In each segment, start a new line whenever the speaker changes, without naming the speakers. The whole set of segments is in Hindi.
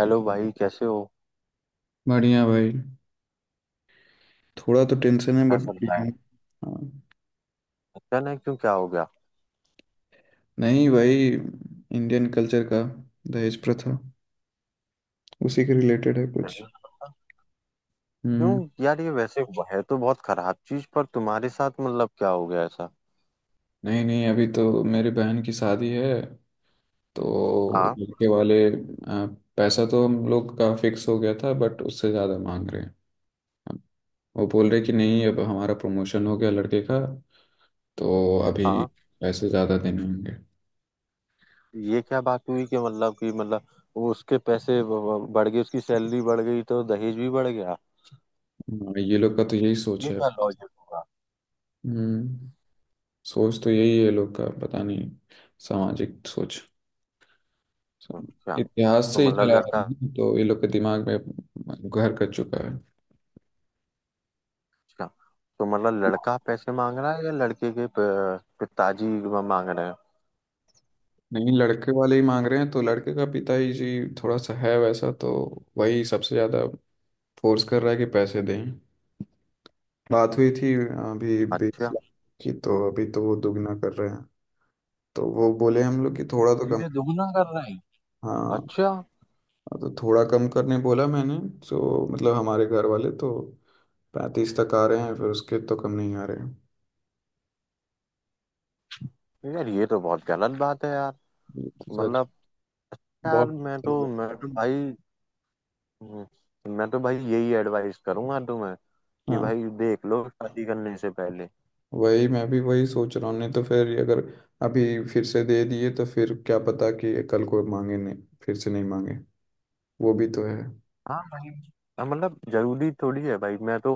हेलो भाई, कैसे हो?
बढ़िया भाई। थोड़ा तो टेंशन है
क्या
बट
चल रहा
ठीक
है?
है। हाँ,
अच्छा? ना क्यों, क्या हो गया?
नहीं भाई, इंडियन कल्चर का दहेज प्रथा, उसी के रिलेटेड है कुछ।
नहीं, क्यों
हम्म।
यार, ये वैसे हुआ है तो बहुत खराब चीज पर तुम्हारे साथ मतलब क्या हो गया ऐसा?
नहीं नहीं, अभी तो मेरी बहन की शादी है। तो
हाँ।
लड़के वाले, आ, पैसा तो हम लोग का फिक्स हो गया था बट उससे ज़्यादा मांग रहे हैं। हम- वो बोल रहे कि नहीं, अब हमारा प्रमोशन हो गया लड़के का, तो अभी
हाँ,
पैसे ज़्यादा देने होंगे।
ये क्या बात हुई कि मतलब वो उसके पैसे बढ़ गए, उसकी सैलरी बढ़ गई तो दहेज भी बढ़ गया?
हाँ, ये लोग का तो यही
ये
सोच है।
क्या लॉजिक होगा?
हम्म। सोच तो यही है लोग का, पता नहीं। सामाजिक सोच
अच्छा,
इतिहास
तो
से ही
मतलब
चला आ
लड़का।
रही है, तो ये लोग के दिमाग में घर कर चुका है।
अच्छा, तो मतलब लड़का पैसे मांग रहा है या लड़के के पिताजी मांग रहे हैं?
नहीं, लड़के वाले ही मांग रहे हैं, तो लड़के का पिता ही जी थोड़ा सा है वैसा तो। वही सबसे ज़्यादा फोर्स कर रहा है कि पैसे दें। बात हुई थी अभी बीस
अच्छा।
लाख की, तो अभी तो वो दुगना कर रहे हैं। तो वो बोले हम लोग कि थोड़ा तो कम।
सीधे दुगना कर रहे हैं?
हाँ,
अच्छा।
तो थोड़ा कम करने बोला मैंने। तो मतलब हमारे घर वाले तो 35 तक आ रहे हैं, फिर उसके तो कम नहीं आ रहे हैं।
यार ये तो बहुत गलत बात है यार।
ये तो सच।
मतलब। यार
बहुत।
मैं तो भाई। हम्म, मैं तो भाई यही एडवाइस करूंगा तुम्हें कि
हाँ,
भाई देख लो शादी करने से पहले।
वही मैं भी वही सोच रहा हूँ, नहीं तो फिर ये अगर अभी फिर से दे दिए तो फिर क्या पता कि ये कल को मांगे नहीं, फिर से नहीं मांगे, वो भी तो है।
हाँ भाई। हाँ, मतलब जरूरी थोड़ी है भाई, मैं तो।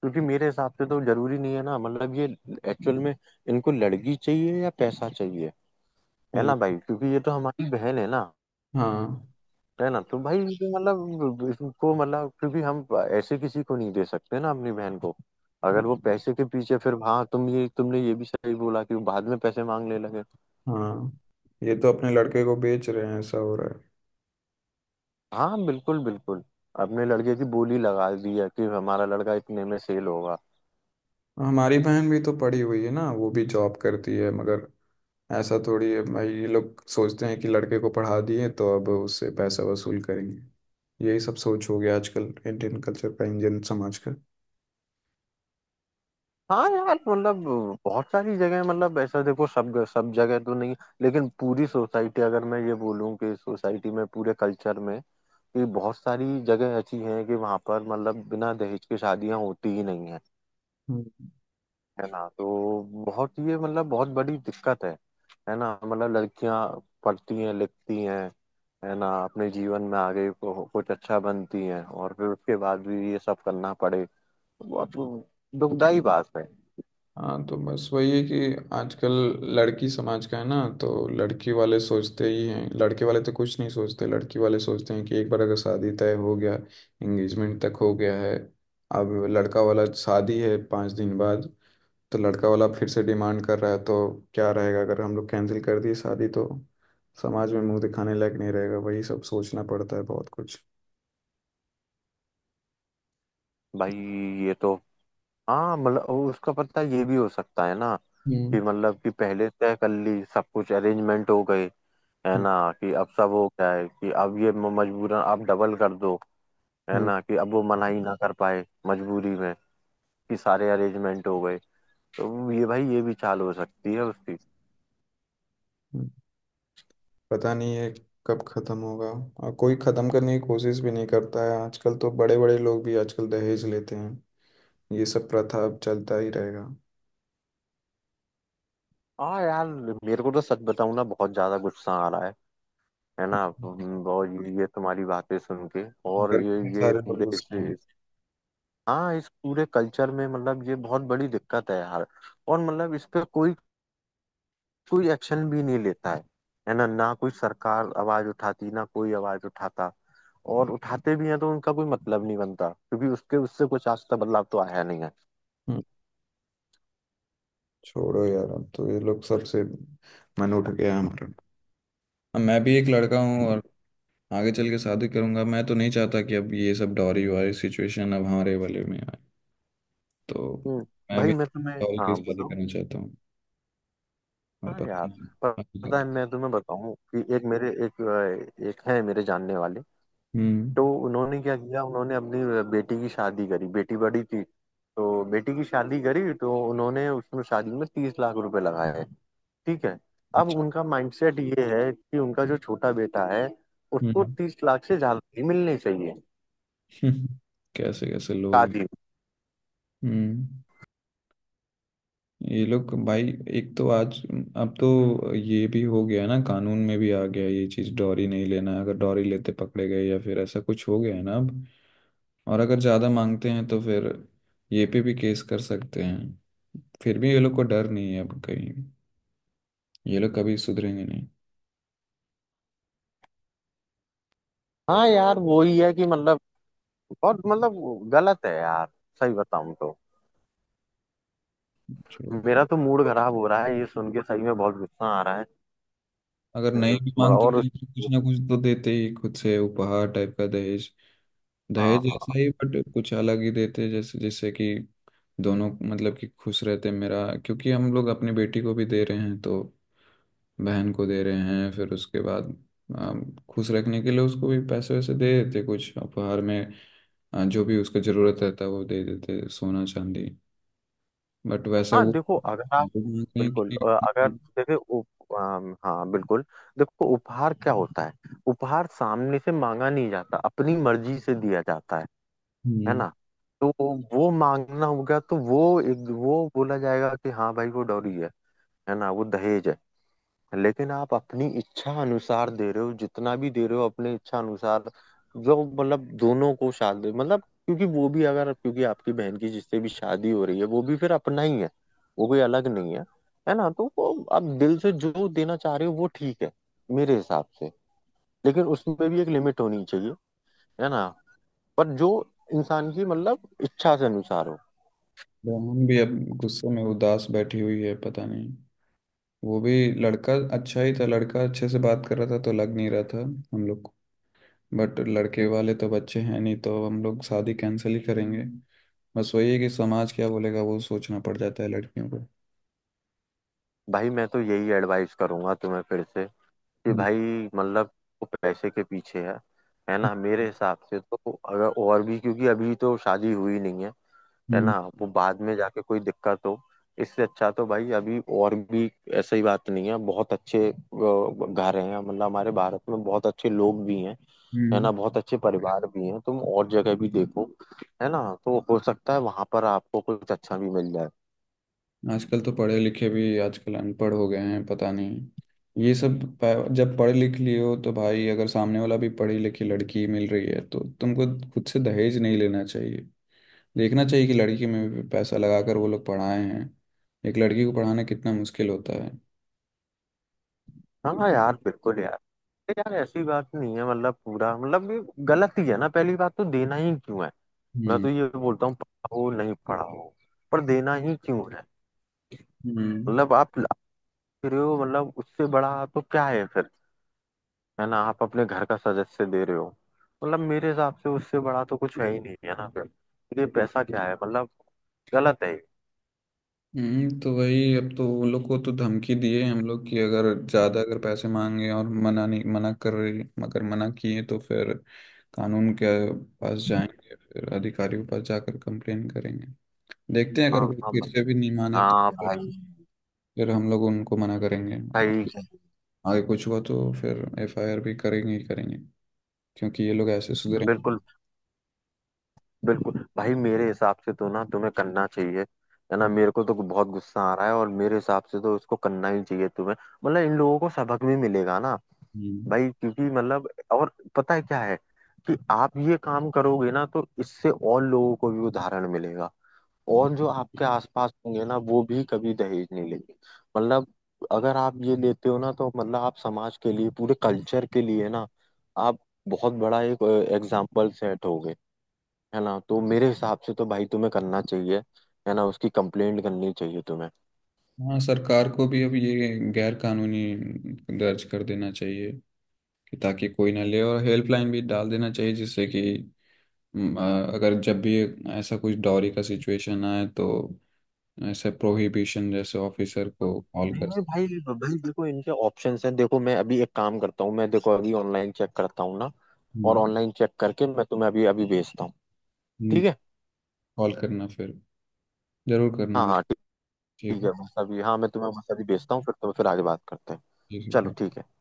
क्योंकि मेरे हिसाब से तो जरूरी नहीं है ना, मतलब ये एक्चुअल में इनको लड़की चाहिए या पैसा चाहिए? है ना भाई,
ये-
क्योंकि ये तो हमारी बहन है ना।
हाँ।
है ना, तो भाई ये तो मतलब इसको मतलब क्योंकि हम ऐसे किसी को नहीं दे सकते ना अपनी बहन को। अगर वो पैसे के पीछे, फिर, हाँ तुम ये, तुमने ये भी सही बोला कि वो बाद में पैसे मांगने लगे।
हाँ, ये तो अपने लड़के को बेच रहे हैं, ऐसा हो रहा
हाँ, बिल्कुल बिल्कुल। अपने लड़के की बोली लगा दी है कि हमारा लड़का इतने में सेल होगा।
है। हमारी बहन भी तो पढ़ी हुई है ना, वो भी जॉब करती है, मगर ऐसा थोड़ी है भाई। ये लोग सोचते हैं कि लड़के को पढ़ा दिए तो अब उससे पैसा वसूल करेंगे। यही सब सोच हो गया आजकल, इंडियन कल्चर का, इंडियन समाज का।
हाँ यार, मतलब बहुत सारी जगह, मतलब ऐसा देखो, सब सब जगह तो नहीं, लेकिन पूरी सोसाइटी, अगर मैं ये बोलूँ कि सोसाइटी में पूरे कल्चर में, कि बहुत सारी जगह ऐसी हैं कि वहाँ पर मतलब बिना दहेज के शादियाँ होती ही नहीं है।
हम्म।
है ना, तो बहुत ये मतलब बहुत बड़ी दिक्कत है। है ना मतलब, लड़कियां पढ़ती हैं, लिखती हैं, है ना, अपने जीवन में आगे को कुछ अच्छा बनती हैं, और फिर उसके बाद भी ये सब करना पड़े। बहुत दुखदाई बात है।
हाँ, तो बस वही है कि आजकल लड़की समाज का है ना, तो लड़की वाले सोचते ही हैं, लड़के वाले तो कुछ नहीं सोचते। लड़की वाले सोचते हैं कि एक बार अगर शादी तय हो गया, एंगेजमेंट तक हो गया है, अब लड़का वाला शादी है 5 दिन बाद, तो लड़का वाला फिर से डिमांड कर रहा है, तो क्या रहेगा अगर हम लोग कैंसिल कर दिए शादी तो समाज में मुंह दिखाने लायक नहीं रहेगा, वही सब सोचना पड़ता है बहुत कुछ।
भाई ये तो। हाँ, मतलब उसका पता, ये भी हो सकता है ना कि
हम्म।
मतलब कि पहले तय कर ली, सब कुछ अरेंजमेंट हो गए, है
हम्म।
ना, कि अब सब हो गया है, कि अब ये मजबूरन आप डबल कर दो, है
हम्म।
ना, कि अब वो मना ही ना कर पाए मजबूरी में, कि सारे अरेंजमेंट हो गए। तो ये भाई, ये भी चाल हो सकती है उसकी।
हम्म। पता नहीं ये कब खत्म होगा। और कोई खत्म करने की कोशिश भी नहीं करता है आजकल तो, बड़े बड़े लोग भी आजकल दहेज लेते हैं। ये सब प्रथा अब चलता ही रहेगा।
हाँ यार, मेरे को तो सच बताऊं ना, बहुत ज्यादा गुस्सा आ रहा है। है ना।
हम्म।
और ये तुम्हारी बातें सुन के। और
घर
ये
में
ये
सारे लोग
पूरे
घुसते हैं।
हाँ, इस पूरे कल्चर में, मतलब ये बहुत बड़ी दिक्कत है यार। और मतलब इस पे कोई कोई एक्शन भी नहीं लेता है। है ना, ना कोई सरकार आवाज उठाती, ना कोई आवाज उठाता, और उठाते भी हैं तो उनका कोई मतलब नहीं बनता, क्योंकि उसके उससे कुछ आज तक बदलाव तो आया नहीं है।
हम्म। छोड़ो यार, अब तो ये लोग सबसे मन उठ गया है हमारा। अब मैं भी एक लड़का हूँ और आगे चल के शादी करूंगा, मैं तो नहीं चाहता कि अब ये सब डॉरी वारी सिचुएशन अब हमारे वाले में आए, तो
हम्म,
मैं
भाई
भी
मैं तुम्हें,
डॉरी की
हाँ
शादी
बोलो।
करना चाहता हूँ। और
हाँ यार,
पता नहीं
पर पता है,
हकीकत-
मैं तुम्हें बताऊं कि एक मेरे एक एक है मेरे जानने वाले।
हम्म।
तो उन्होंने क्या किया, उन्होंने अपनी बेटी की शादी करी, बेटी बड़ी थी तो बेटी की शादी करी, तो उन्होंने उसमें, शादी में 30 लाख रुपए लगाए। ठीक है। अब
अच्छा,
उनका माइंडसेट ये है कि उनका जो छोटा बेटा है, उसको
हम्म।
30 लाख से ज्यादा ही मिलने चाहिए
कैसे कैसे लोग हैं।
शादी में।
हम्म। ये लोग भाई, एक तो आज, अब तो ये भी हो गया ना, कानून में भी आ गया ये चीज़, डॉरी नहीं लेना। अगर डॉरी लेते पकड़े गए या फिर ऐसा कुछ हो गया है ना अब, और अगर ज़्यादा मांगते हैं तो फिर ये पे भी केस कर सकते हैं। फिर भी ये लोग को डर नहीं है अब कहीं, ये लोग कभी सुधरेंगे नहीं।
हाँ यार, वही है कि मतलब बहुत मतलब गलत है यार। सही बताऊं तो
छोड़ो।
मेरा तो मूड खराब हो रहा है ये सुन के, सही में बहुत गुस्सा आ रहा है।
अगर नहीं भी
मतलब,
मांगते तो ये
और
लोग कुछ ना कुछ तो देते ही खुद से, उपहार टाइप का, दहेज
हाँ
दहेज
हाँ।
जैसा ही बट कुछ अलग ही देते, जैसे जैसे कि दोनों मतलब कि खुश रहते मेरा, क्योंकि हम लोग अपनी बेटी को भी दे रहे हैं तो, बहन को दे रहे हैं, फिर उसके बाद अम, खुश रखने के लिए उसको भी पैसे वैसे दे देते, कुछ उपहार में। जो भी उसको जरूरत रहता है वो दे देते, सोना चांदी। बट वैसा
हाँ
वो
देखो, अगर आप,
वो मांग रहे
बिल्कुल।
हैं
अगर
कि।
जैसे हाँ, बिल्कुल। देखो उपहार क्या होता है? उपहार सामने से मांगा नहीं जाता, अपनी मर्जी से दिया जाता है। है
हम्म।
ना। तो वो मांगना होगा तो वो, एक, वो बोला जाएगा कि हाँ भाई, वो डौरी है ना, वो दहेज है। लेकिन आप अपनी इच्छा अनुसार दे रहे हो, जितना भी दे रहे हो अपने इच्छा अनुसार, जो मतलब दोनों को शादी मतलब, क्योंकि वो भी, अगर, क्योंकि आपकी बहन की जिससे भी शादी हो रही है वो भी फिर अपना ही है, वो कोई अलग नहीं है। है ना, तो वो आप दिल से जो देना चाह रहे हो वो ठीक है, मेरे हिसाब से। लेकिन उसमें भी एक लिमिट होनी चाहिए, है ना, पर जो इंसान की मतलब इच्छा से अनुसार हो।
बहन भी अब गुस्से में उदास बैठी हुई है, पता नहीं वो भी। लड़का अच्छा ही था, लड़का अच्छे से बात कर रहा था तो लग नहीं रहा था हम लोग को, बट लड़के वाले तो बच्चे हैं नहीं, तो हम लोग शादी कैंसिल ही करेंगे। बस वही है कि समाज क्या बोलेगा, वो सोचना पड़ जाता है लड़कियों को।
भाई मैं तो यही एडवाइस करूंगा तुम्हें फिर से, कि
हम्म।
भाई मतलब वो पैसे के पीछे है ना। मेरे हिसाब से तो अगर, और भी क्योंकि अभी तो शादी हुई नहीं है, है
हम्म।
ना, वो बाद में जाके कोई दिक्कत हो। इससे अच्छा तो भाई अभी, और भी, ऐसी बात नहीं है, बहुत अच्छे घर हैं, मतलब हमारे भारत में बहुत अच्छे लोग भी हैं, है ना,
हम्म।
बहुत अच्छे परिवार भी हैं। तुम और जगह भी देखो, है ना, तो हो सकता है वहां पर आपको कुछ अच्छा भी मिल जाए।
आजकल तो पढ़े लिखे भी आजकल अनपढ़ हो गए हैं, पता नहीं। ये सब जब पढ़ लिख लिए हो तो भाई, अगर सामने वाला भी पढ़ी लिखी लड़की मिल रही है तो तुमको खुद से दहेज नहीं लेना चाहिए। देखना चाहिए कि लड़की में भी पैसा लगाकर वो लोग पढ़ाए हैं, एक लड़की को पढ़ाना कितना मुश्किल होता है।
हाँ हाँ यार, बिल्कुल यार। अरे यार, ऐसी बात नहीं है, मतलब पूरा मतलब ये गलत ही है ना, पहली बात तो देना ही क्यों है? मैं
हम्म।
तो ये बोलता हूँ पढ़ा हो, नहीं पढ़ा हो, पर देना ही क्यों है?
हम्म।
मतलब आप ला रहे हो, मतलब उससे बड़ा तो क्या है फिर? है ना, आप अपने घर का सदस्य दे रहे हो। मतलब मेरे हिसाब से उससे बड़ा तो कुछ है ही नहीं, है ना, फिर तो ये पैसा क्या है मतलब? गलत है ये।
हम्म, तो वही अब तो उन लोग को तो धमकी दिए हम लोग कि अगर ज़्यादा अगर पैसे मांगे और मना नहीं, मना कर रही मगर, मना किए तो फिर कानून के पास जाएंगे, फिर अधिकारियों के पास जाकर कंप्लेन करेंगे। देखते हैं अगर
हाँ
वो
हाँ
फिर से
भाई।
भी नहीं माने तो
हाँ
फिर
भाई,
फिर हम लोग उनको मना करेंगे, और
सही।
आगे कुछ हुआ तो फिर एफआईआर भी करेंगे ही करेंगे, क्योंकि ये लोग ऐसे सुधरेंगे।
बिल्कुल बिल्कुल भाई, मेरे हिसाब से तो ना तुम्हें करना चाहिए, है ना। मेरे को तो बहुत गुस्सा आ रहा है, और मेरे हिसाब से तो इसको करना ही चाहिए तुम्हें। मतलब इन लोगों को सबक भी मिलेगा ना
हम्म।
भाई, क्योंकि मतलब, और पता है क्या है, कि आप ये काम करोगे ना तो इससे और लोगों को भी उदाहरण मिलेगा, और जो आपके आसपास होंगे ना वो भी कभी दहेज नहीं लेंगे। मतलब अगर आप ये लेते हो ना, तो मतलब आप समाज के लिए, पूरे कल्चर के लिए ना, आप बहुत बड़ा एक एग्जाम्पल सेट हो गए। है ना, तो मेरे हिसाब से तो भाई तुम्हें करना चाहिए, है ना, उसकी कंप्लेंट करनी चाहिए तुम्हें।
हाँ, सरकार को भी अब ये गैर कानूनी दर्ज कर देना चाहिए कि, ताकि कोई ना ले, और हेल्पलाइन भी डाल देना चाहिए जिससे कि अगर जब भी ऐसा कुछ डॉरी का सिचुएशन आए तो ऐसे प्रोहिबिशन जैसे ऑफिसर को कॉल
नहीं
कर
नहीं भाई, भाई देखो, इनके ऑप्शंस हैं, देखो मैं अभी एक काम करता हूँ, मैं देखो अभी ऑनलाइन चेक करता हूँ ना, और
सकते।
ऑनलाइन चेक करके मैं तुम्हें अभी अभी भेजता हूँ। ठीक है।
कॉल करना फिर, जरूर करना
हाँ
भाई।
हाँ ठीक।
ठीक
ठीक
है।
है, बस अभी। हाँ, मैं तुम्हें बस अभी भेजता हूँ, फिर तुम्हें, फिर आगे बात करते हैं।
ठीक है,
चलो,
bye।
ठीक है।